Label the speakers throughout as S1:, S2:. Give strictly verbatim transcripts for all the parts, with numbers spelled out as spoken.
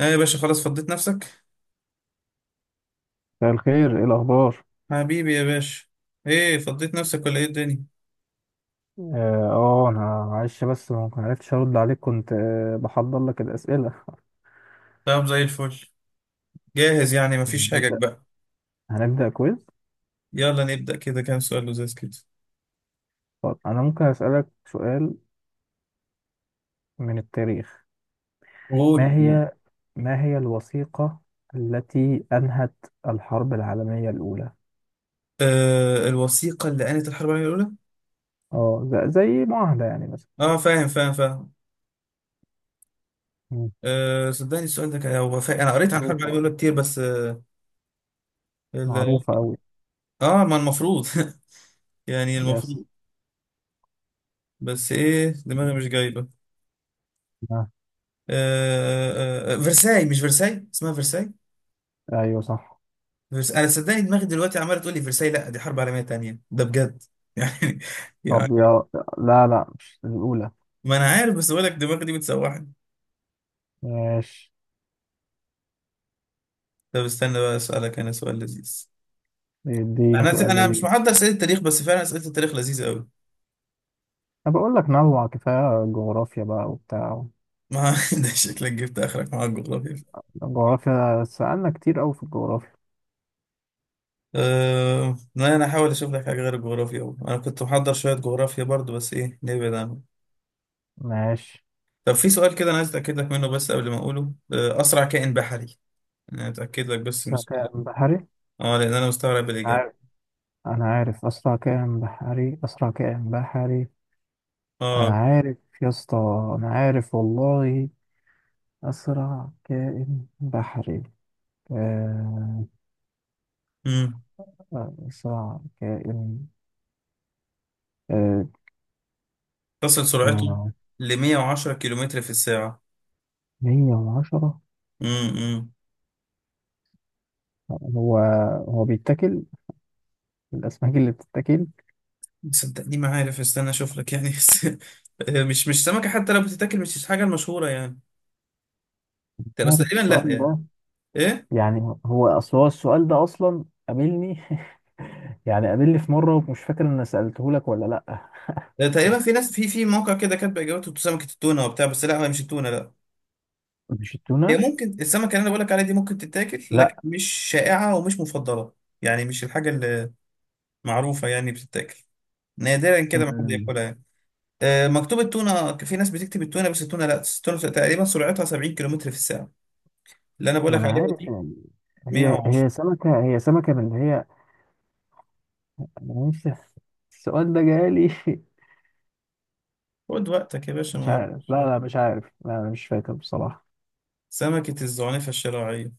S1: ايه يا باشا، خلاص فضيت نفسك؟
S2: مساء الخير، ايه الاخبار؟
S1: حبيبي يا باشا. ايه فضيت نفسك ولا ايه الدنيا؟
S2: اه، آه، انا معلش بس ما ما عرفتش ارد عليك، كنت آه، بحضر لك الاسئله.
S1: طب زي الفل، جاهز يعني مفيش حاجة
S2: هنبدا
S1: بقى؟
S2: هنبدا كويز.
S1: يلا نبدأ كده، كام سؤال لذيذ كده.
S2: طب انا ممكن اسالك سؤال من التاريخ؟ ما
S1: قول قول.
S2: هي ما هي الوثيقه التي انهت الحرب العالميه الاولى؟
S1: آه، الوثيقة اللي قالت الحرب العالمية الأولى.
S2: اه، ز- زي معاهده يعني مثلا.
S1: اه، فاهم فاهم فاهم.
S2: مم.
S1: آه، صدقني السؤال ده كان هو فا... انا قريت عن الحرب العالمية
S2: معروفه
S1: الأولى كتير، بس اه, ال...
S2: معروفه قوي.
S1: آه ما المفروض. يعني
S2: يس.
S1: المفروض. بس ايه دماغي مش جايبة.
S2: آه،
S1: آه آه آه، فرساي، مش فرساي، اسمها فرساي.
S2: ايوه صح.
S1: بس انا صدقني دماغي دلوقتي عماله تقول لي فرساي، لا دي حرب عالميه تانية ده بجد، يعني
S2: طب
S1: يعني
S2: يا لا، لا، مش الاولى.
S1: ما انا عارف بس بقول لك دماغي دي بتسوحني.
S2: ماشي.
S1: طب استنى بقى اسالك انا سؤال لذيذ.
S2: اديني
S1: انا
S2: سؤال
S1: انا مش
S2: لذيذ.
S1: محضر اسئله التاريخ، بس فعلا اسئله التاريخ لذيذه قوي.
S2: انا بقول لك نوع، كفايه جغرافيا بقى وبتاع.
S1: ما ده شكلك جبت اخرك مع الجغرافيا.
S2: الجغرافيا سألنا كتير قوي في الجغرافيا.
S1: أه... لا انا هحاول اشوف لك حاجه غير الجغرافيا أوي. انا كنت محضر شويه جغرافيا برضو، بس ايه نبعد عنه.
S2: ماشي.
S1: طب في سؤال كده انا عايز اتاكد لك منه بس قبل ما اقوله. أه، اسرع كائن بحري. انا اتاكد لك بس من
S2: اسرع
S1: السؤال
S2: كائن
S1: ده.
S2: بحري؟
S1: اه لان انا مستغرب
S2: انا
S1: الاجابه.
S2: عارف انا عارف اسرع كائن بحري، اسرع كائن بحري. انا
S1: اه
S2: عارف يا اسطى. انا عارف والله. اسرع كائن بحري. آه، اسرع كائن. آه،
S1: تصل سرعته
S2: آه،
S1: ل مية وعشرة كيلومتر في الساعة.
S2: مية وعشرة.
S1: امم
S2: هو هو بيتاكل الاسماك اللي بتتاكل.
S1: صدقني ما عارف استنى اشوف لك يعني، بس آه، مش مش سمكة، حتى لو بتتاكل مش الحاجة المشهورة يعني. بس
S2: عارف
S1: تقريبا لا
S2: السؤال
S1: يعني
S2: ده؟
S1: ايه.
S2: يعني هو اصل هو السؤال ده اصلا قابلني يعني قابلني في مره، ومش فاكر ان سالته لك ولا لا.
S1: ده تقريبا في ناس في في موقع كده كاتب اجابته سمكة التونة وبتاع، بس لا هي مش التونة لا.
S2: مش
S1: هي
S2: التونه
S1: ممكن السمكة اللي انا بقول لك عليها دي ممكن تتاكل،
S2: لا.
S1: لكن مش شائعة ومش مفضلة. يعني مش الحاجة اللي معروفة يعني بتتاكل. نادرا كده ما حد
S2: أمم،
S1: ياكلها يعني. آه، مكتوب التونة، في ناس بتكتب التونة، بس التونة لا، التونة تقريبا سرعتها سبعين كيلومتر في الساعة. اللي أنا
S2: ما
S1: بقولك
S2: انا
S1: عليها
S2: عارف
S1: دي
S2: يعني. هي
S1: مئة وعشرة.
S2: هي سمكه هي سمكه من اللي هي. انا نفسي السؤال ده جالي
S1: خد وقتك يا باشا،
S2: مش
S1: ما
S2: عارف،
S1: وراكش
S2: لا لا
S1: حاجة.
S2: مش عارف، لا انا مش فاكر بصراحه.
S1: سمكة الزعنفة الشراعية.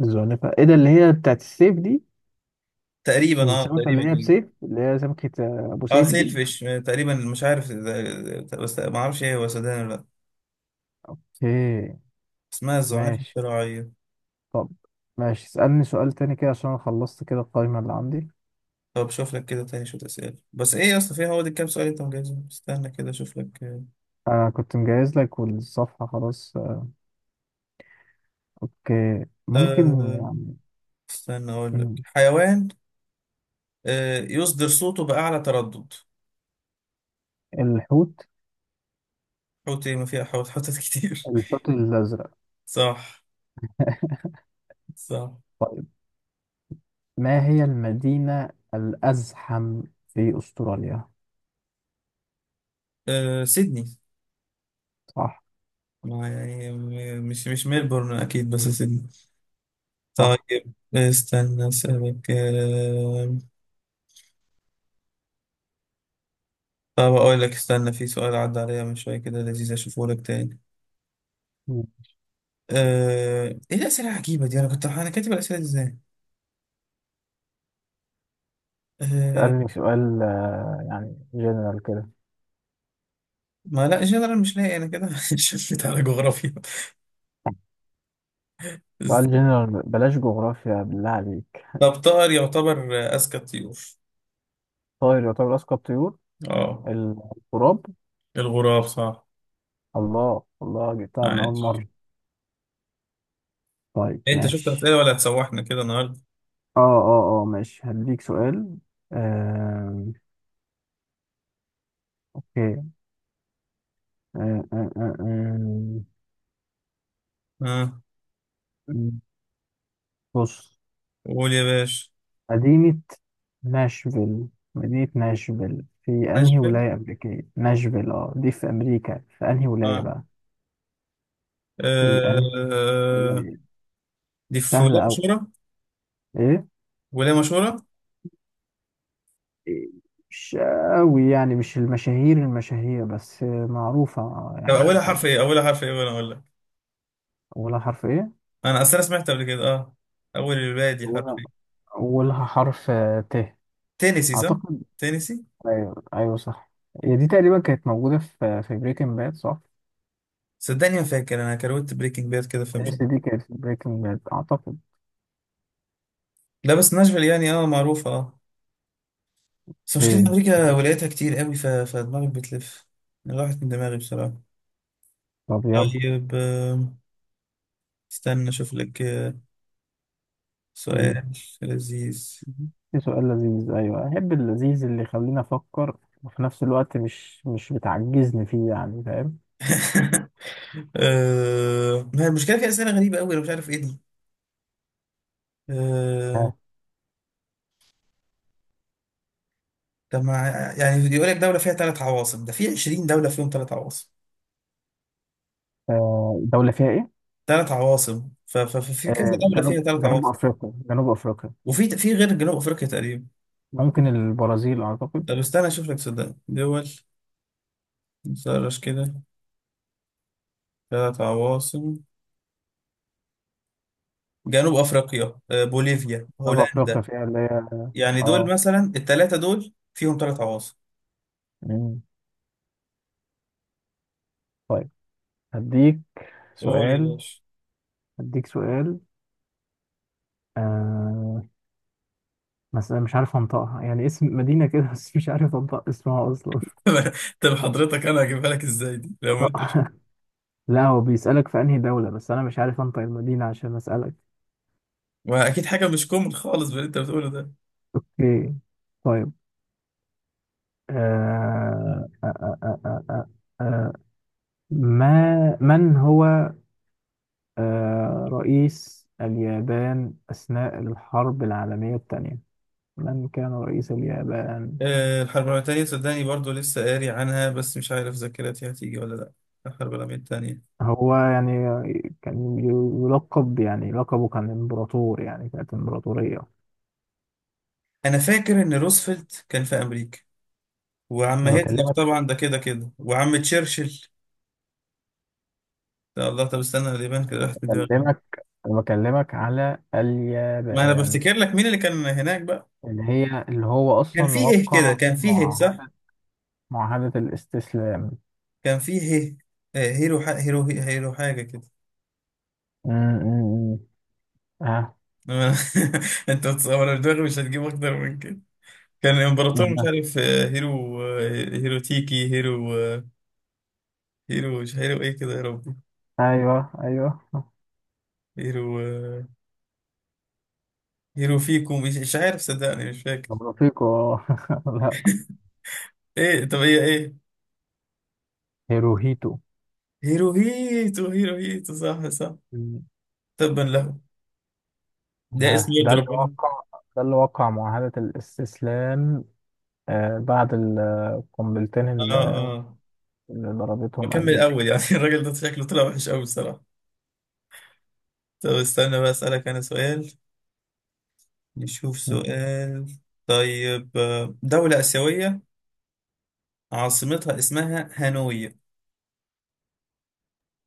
S2: الزعنفه ايه ده؟ اللي هي بتاعت السيف دي.
S1: تقريبا اه
S2: السمكه اللي هي
S1: تقريبا
S2: بسيف،
S1: إيه.
S2: اللي هي سمكه آه، ابو
S1: اه
S2: سيف
S1: سيل
S2: دي.
S1: فيش، آه، تقريبا مش عارف إذا- بس ما اعرفش ايه هو سدان ولا لا.
S2: ايه.
S1: اسمها الزعنفة
S2: ماشي.
S1: الشراعية.
S2: طب ماشي، اسالني سؤال تاني كده عشان انا خلصت كده القائمه اللي عندي.
S1: طب شوف لك كده تاني شوية أسئلة، بس ايه يا اسطى فيها، هو دي كام سؤال انت مجهزهم، استنى كده اشوف لك آه
S2: انا كنت مجهز لك والصفحة خلاص. اوكي ممكن
S1: آه،
S2: يعني.
S1: استنى اقول لك
S2: مم.
S1: حيوان آه يصدر صوته بأعلى تردد.
S2: الحوت.
S1: حوت ايه، ما فيها حوت، حوتات كتير.
S2: الحوت الازرق.
S1: صح صح.
S2: طيب، ما هي المدينة الازحم في استراليا؟
S1: أه سيدني.
S2: صح.
S1: ما يعني، م- مش مش ميلبورن اكيد، بس سيدني.
S2: صح.
S1: طيب استنى اسالك أه طب اقول لك، استنى في سؤال عدى عليا من شويه كده لذيذ اشوفه لك تاني.
S2: مم.
S1: أه ايه الاسئله العجيبه دي، انا كنت انا كاتب الاسئله دي ازاي. أه
S2: سألني سؤال آه، يعني جنرال كده.
S1: ما لا جنرال مش لاقي انا كده. شفت على جغرافيا
S2: سؤال جنرال بلاش جغرافيا بالله عليك.
S1: طب طائر يعتبر اذكى الطيور.
S2: طائر يعتبر اذكى الطيور؟
S1: اه،
S2: الغراب.
S1: الغراب صح.
S2: الله الله جبتها من اول
S1: عايش.
S2: مرة. طيب
S1: إيه، انت شفت
S2: ماشي.
S1: اسئله ولا هتسوحنا كده النهارده؟
S2: اه اه اه ماشي هديك سؤال. آه. اوكي، آه، آه، آه،
S1: اه،
S2: آه. بص،
S1: قول يا باشا.
S2: مدينة ناشفيل. مدينة ناشفيل في أنهي
S1: ناشفيل،
S2: ولاية أمريكية؟ ناشفيل اه دي في أمريكا، في أنهي ولاية
S1: اه
S2: بقى؟ في أنهي
S1: آه،
S2: ولاية؟
S1: دي في
S2: سهلة
S1: ولايه
S2: أوي.
S1: مشهوره.
S2: إيه؟
S1: ولايه مشهوره.
S2: إيه، مش أوي يعني، مش المشاهير المشاهير، بس معروفة آه،
S1: طب
S2: يعني
S1: اولها حرف
S2: يعتبر.
S1: ايه، اولها حرف ايه وانا اقول لك.
S2: أولها حرف إيه؟
S1: انا اصل انا سمعت قبل كده اه اول الباقي دي حرف
S2: أولها
S1: ايه.
S2: أولها حرف آه، ت.
S1: تينيسي صح.
S2: أعتقد.
S1: تينيسي.
S2: أيوه أيوه صح. هي دي تقريبا كانت موجودة في في بريكنج باد صح؟
S1: صدقني ما فاكر انا كروت بريكنج باد كده فمش
S2: تأس
S1: عارف.
S2: دي كانت في بريكنج باد أعتقد.
S1: لا بس ناشفيل يعني اه معروفه اه بس مشكله إن
S2: إيه.
S1: امريكا ولايتها كتير قوي ف... فدماغي بتلف. راحت من دماغي بصراحه.
S2: طب يلا.
S1: طيب آه، استنى اشوف لك آه،
S2: مم.
S1: سؤال لذيذ.
S2: في سؤال لذيذ؟ أيوة أحب اللذيذ اللي يخليني أفكر وفي نفس الوقت مش مش بتعجزني فيه، يعني فاهم.
S1: آه، ما هي المشكلة، في أسئلة غريبة أوي أنا مش عارف إيه دي. آه،
S2: آه،
S1: طب ما يعني يقول لك دولة فيها ثلاث عواصم، ده في عشرين دولة فيهم ثلاث عواصم.
S2: آه، دولة فيها إيه؟
S1: ثلاث عواصم، ف- ف- ففي كذا
S2: آه،
S1: دولة فيها
S2: جنوب
S1: ثلاث
S2: جنوب
S1: عواصم.
S2: أفريقيا جنوب أفريقيا.
S1: وفي في غير جنوب أفريقيا تقريبا.
S2: ممكن البرازيل أعتقد.
S1: طب استنى أشوف لك صدق دول، نسرش كده. ثلاث عواصم: جنوب أفريقيا، آه، بوليفيا،
S2: جنوب أفريقيا
S1: هولندا.
S2: فيها اللي هي
S1: يعني
S2: آه.
S1: دول مثلا الثلاثة دول فيهم ثلاث عواصم.
S2: مم. طيب، هديك
S1: قول يا
S2: سؤال.
S1: باشا.
S2: هديك سؤال آه مثلا مش عارف أنطقها يعني، اسم مدينة كده بس مش عارف أنطق اسمها أصلا.
S1: طب حضرتك، انا هجيبها لك ازاي دي لو ما انت.
S2: لا هو بيسألك في أنهي دولة بس أنا مش عارف أنطق المدينة عشان أسألك.
S1: ما اكيد حاجه مش كومن خالص باللي انت بتقوله ده.
S2: أوكي. طيب. آه... آه... آه... آه... آه... آه... آه، ما من هو آه... رئيس اليابان أثناء الحرب العالمية الثانية؟ من كان رئيس اليابان؟
S1: آه، الحرب العالميه التانيه، صدقني برضو لسه قاري عنها، بس مش عارف ذاكرتي هتيجي ولا لا. الحرب العالميه التانيه.
S2: هو يعني كان يلقب، يعني لقبه كان إمبراطور، يعني كانت إمبراطورية.
S1: انا فاكر ان روزفلت كان في امريكا، وعم
S2: انا
S1: هتلر
S2: بكلمك
S1: طبعا ده كده كده، وعم تشرشل. يا الله، طب استنى، اليابان كده راحت من دماغي.
S2: بكلمك انا بكلمك على
S1: ما انا
S2: اليابان.
S1: بفتكر لك مين اللي كان هناك بقى.
S2: اللي هي اللي هو
S1: كان
S2: أصلا
S1: فيه هيه كده،
S2: وقع
S1: كان فيه هيه صح.
S2: معاهدة، معاهدة الاستسلام.
S1: كان فيه هيه. آه، هيرو ح... هيرو هيرو حاجه كده.
S2: م- م- م. آه.
S1: انت بتصور دماغي مش هتجيب اكتر من كده. كان
S2: آه.
S1: الامبراطور مش
S2: آه.
S1: عارف، آه، هيرو آه، هيرو تيكي هيرو آه، هيرو مش هيرو ايه كده يا ربي.
S2: أيوه أيوه.
S1: هيرو آه، هيرو فيكو، مش مش عارف، صدقني مش فاكر.
S2: طب رفيقه آه. لا.
S1: ايه طب هي ايه.
S2: هيروهيتو.
S1: هيرو هيتو هيرو هيتو صح صح.
S2: م.
S1: تبا له. ده اسم
S2: آه. ده
S1: يد
S2: اللي
S1: ربنا.
S2: وقع ده اللي وقع معاهدة الاستسلام. آه. بعد القنبلتين
S1: اه
S2: اللي
S1: اه،
S2: اللي ضربتهم
S1: بكمل
S2: أمريكا.
S1: اول يعني. الراجل ده شكله طلع وحش قوي بصراحة. طب استنى بقى اسألك انا سؤال. نشوف
S2: م.
S1: سؤال. طيب آه، دولة آسيوية عاصمتها اسمها هانوي.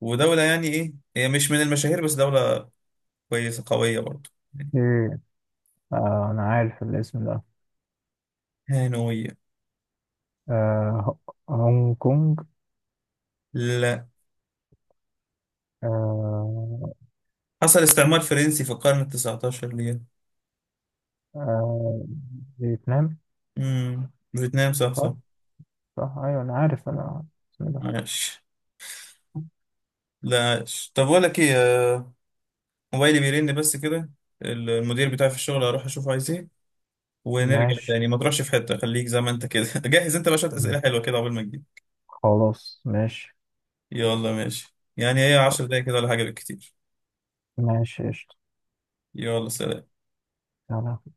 S1: ودولة يعني إيه، هي مش من المشاهير، بس دولة كويسة قوية برضه.
S2: إيه. آه. أنا عارف الاسم ده.
S1: هانوية.
S2: آه. هونج كونج.
S1: لا.
S2: آه.
S1: حصل استعمار فرنسي في القرن التسعتاشر ليها.
S2: آه. فيتنام.
S1: امم، فيتنام، صح صح.
S2: صح؟ صح ايوه، انا عارف انا اسمه ده.
S1: عاش. لا عاش، طب بقول لك إيه، آه، موبايلي بيرن بس كده. ال- المدير بتاعي في الشغل هروح أشوفه عايز إيه، ونرجع
S2: ماشي.
S1: تاني. ما تروحش في حتة، خليك زي ما أنت كده. جهز أنت بقى شوية
S2: مم.
S1: أسئلة حلوة كده قبل ما تجيب.
S2: خلاص ماشي.
S1: يلا ماشي، يعني هي عشر دقايق كده ولا حاجة بالكتير.
S2: ماشي قشطة.
S1: يلا سلام.
S2: يلا.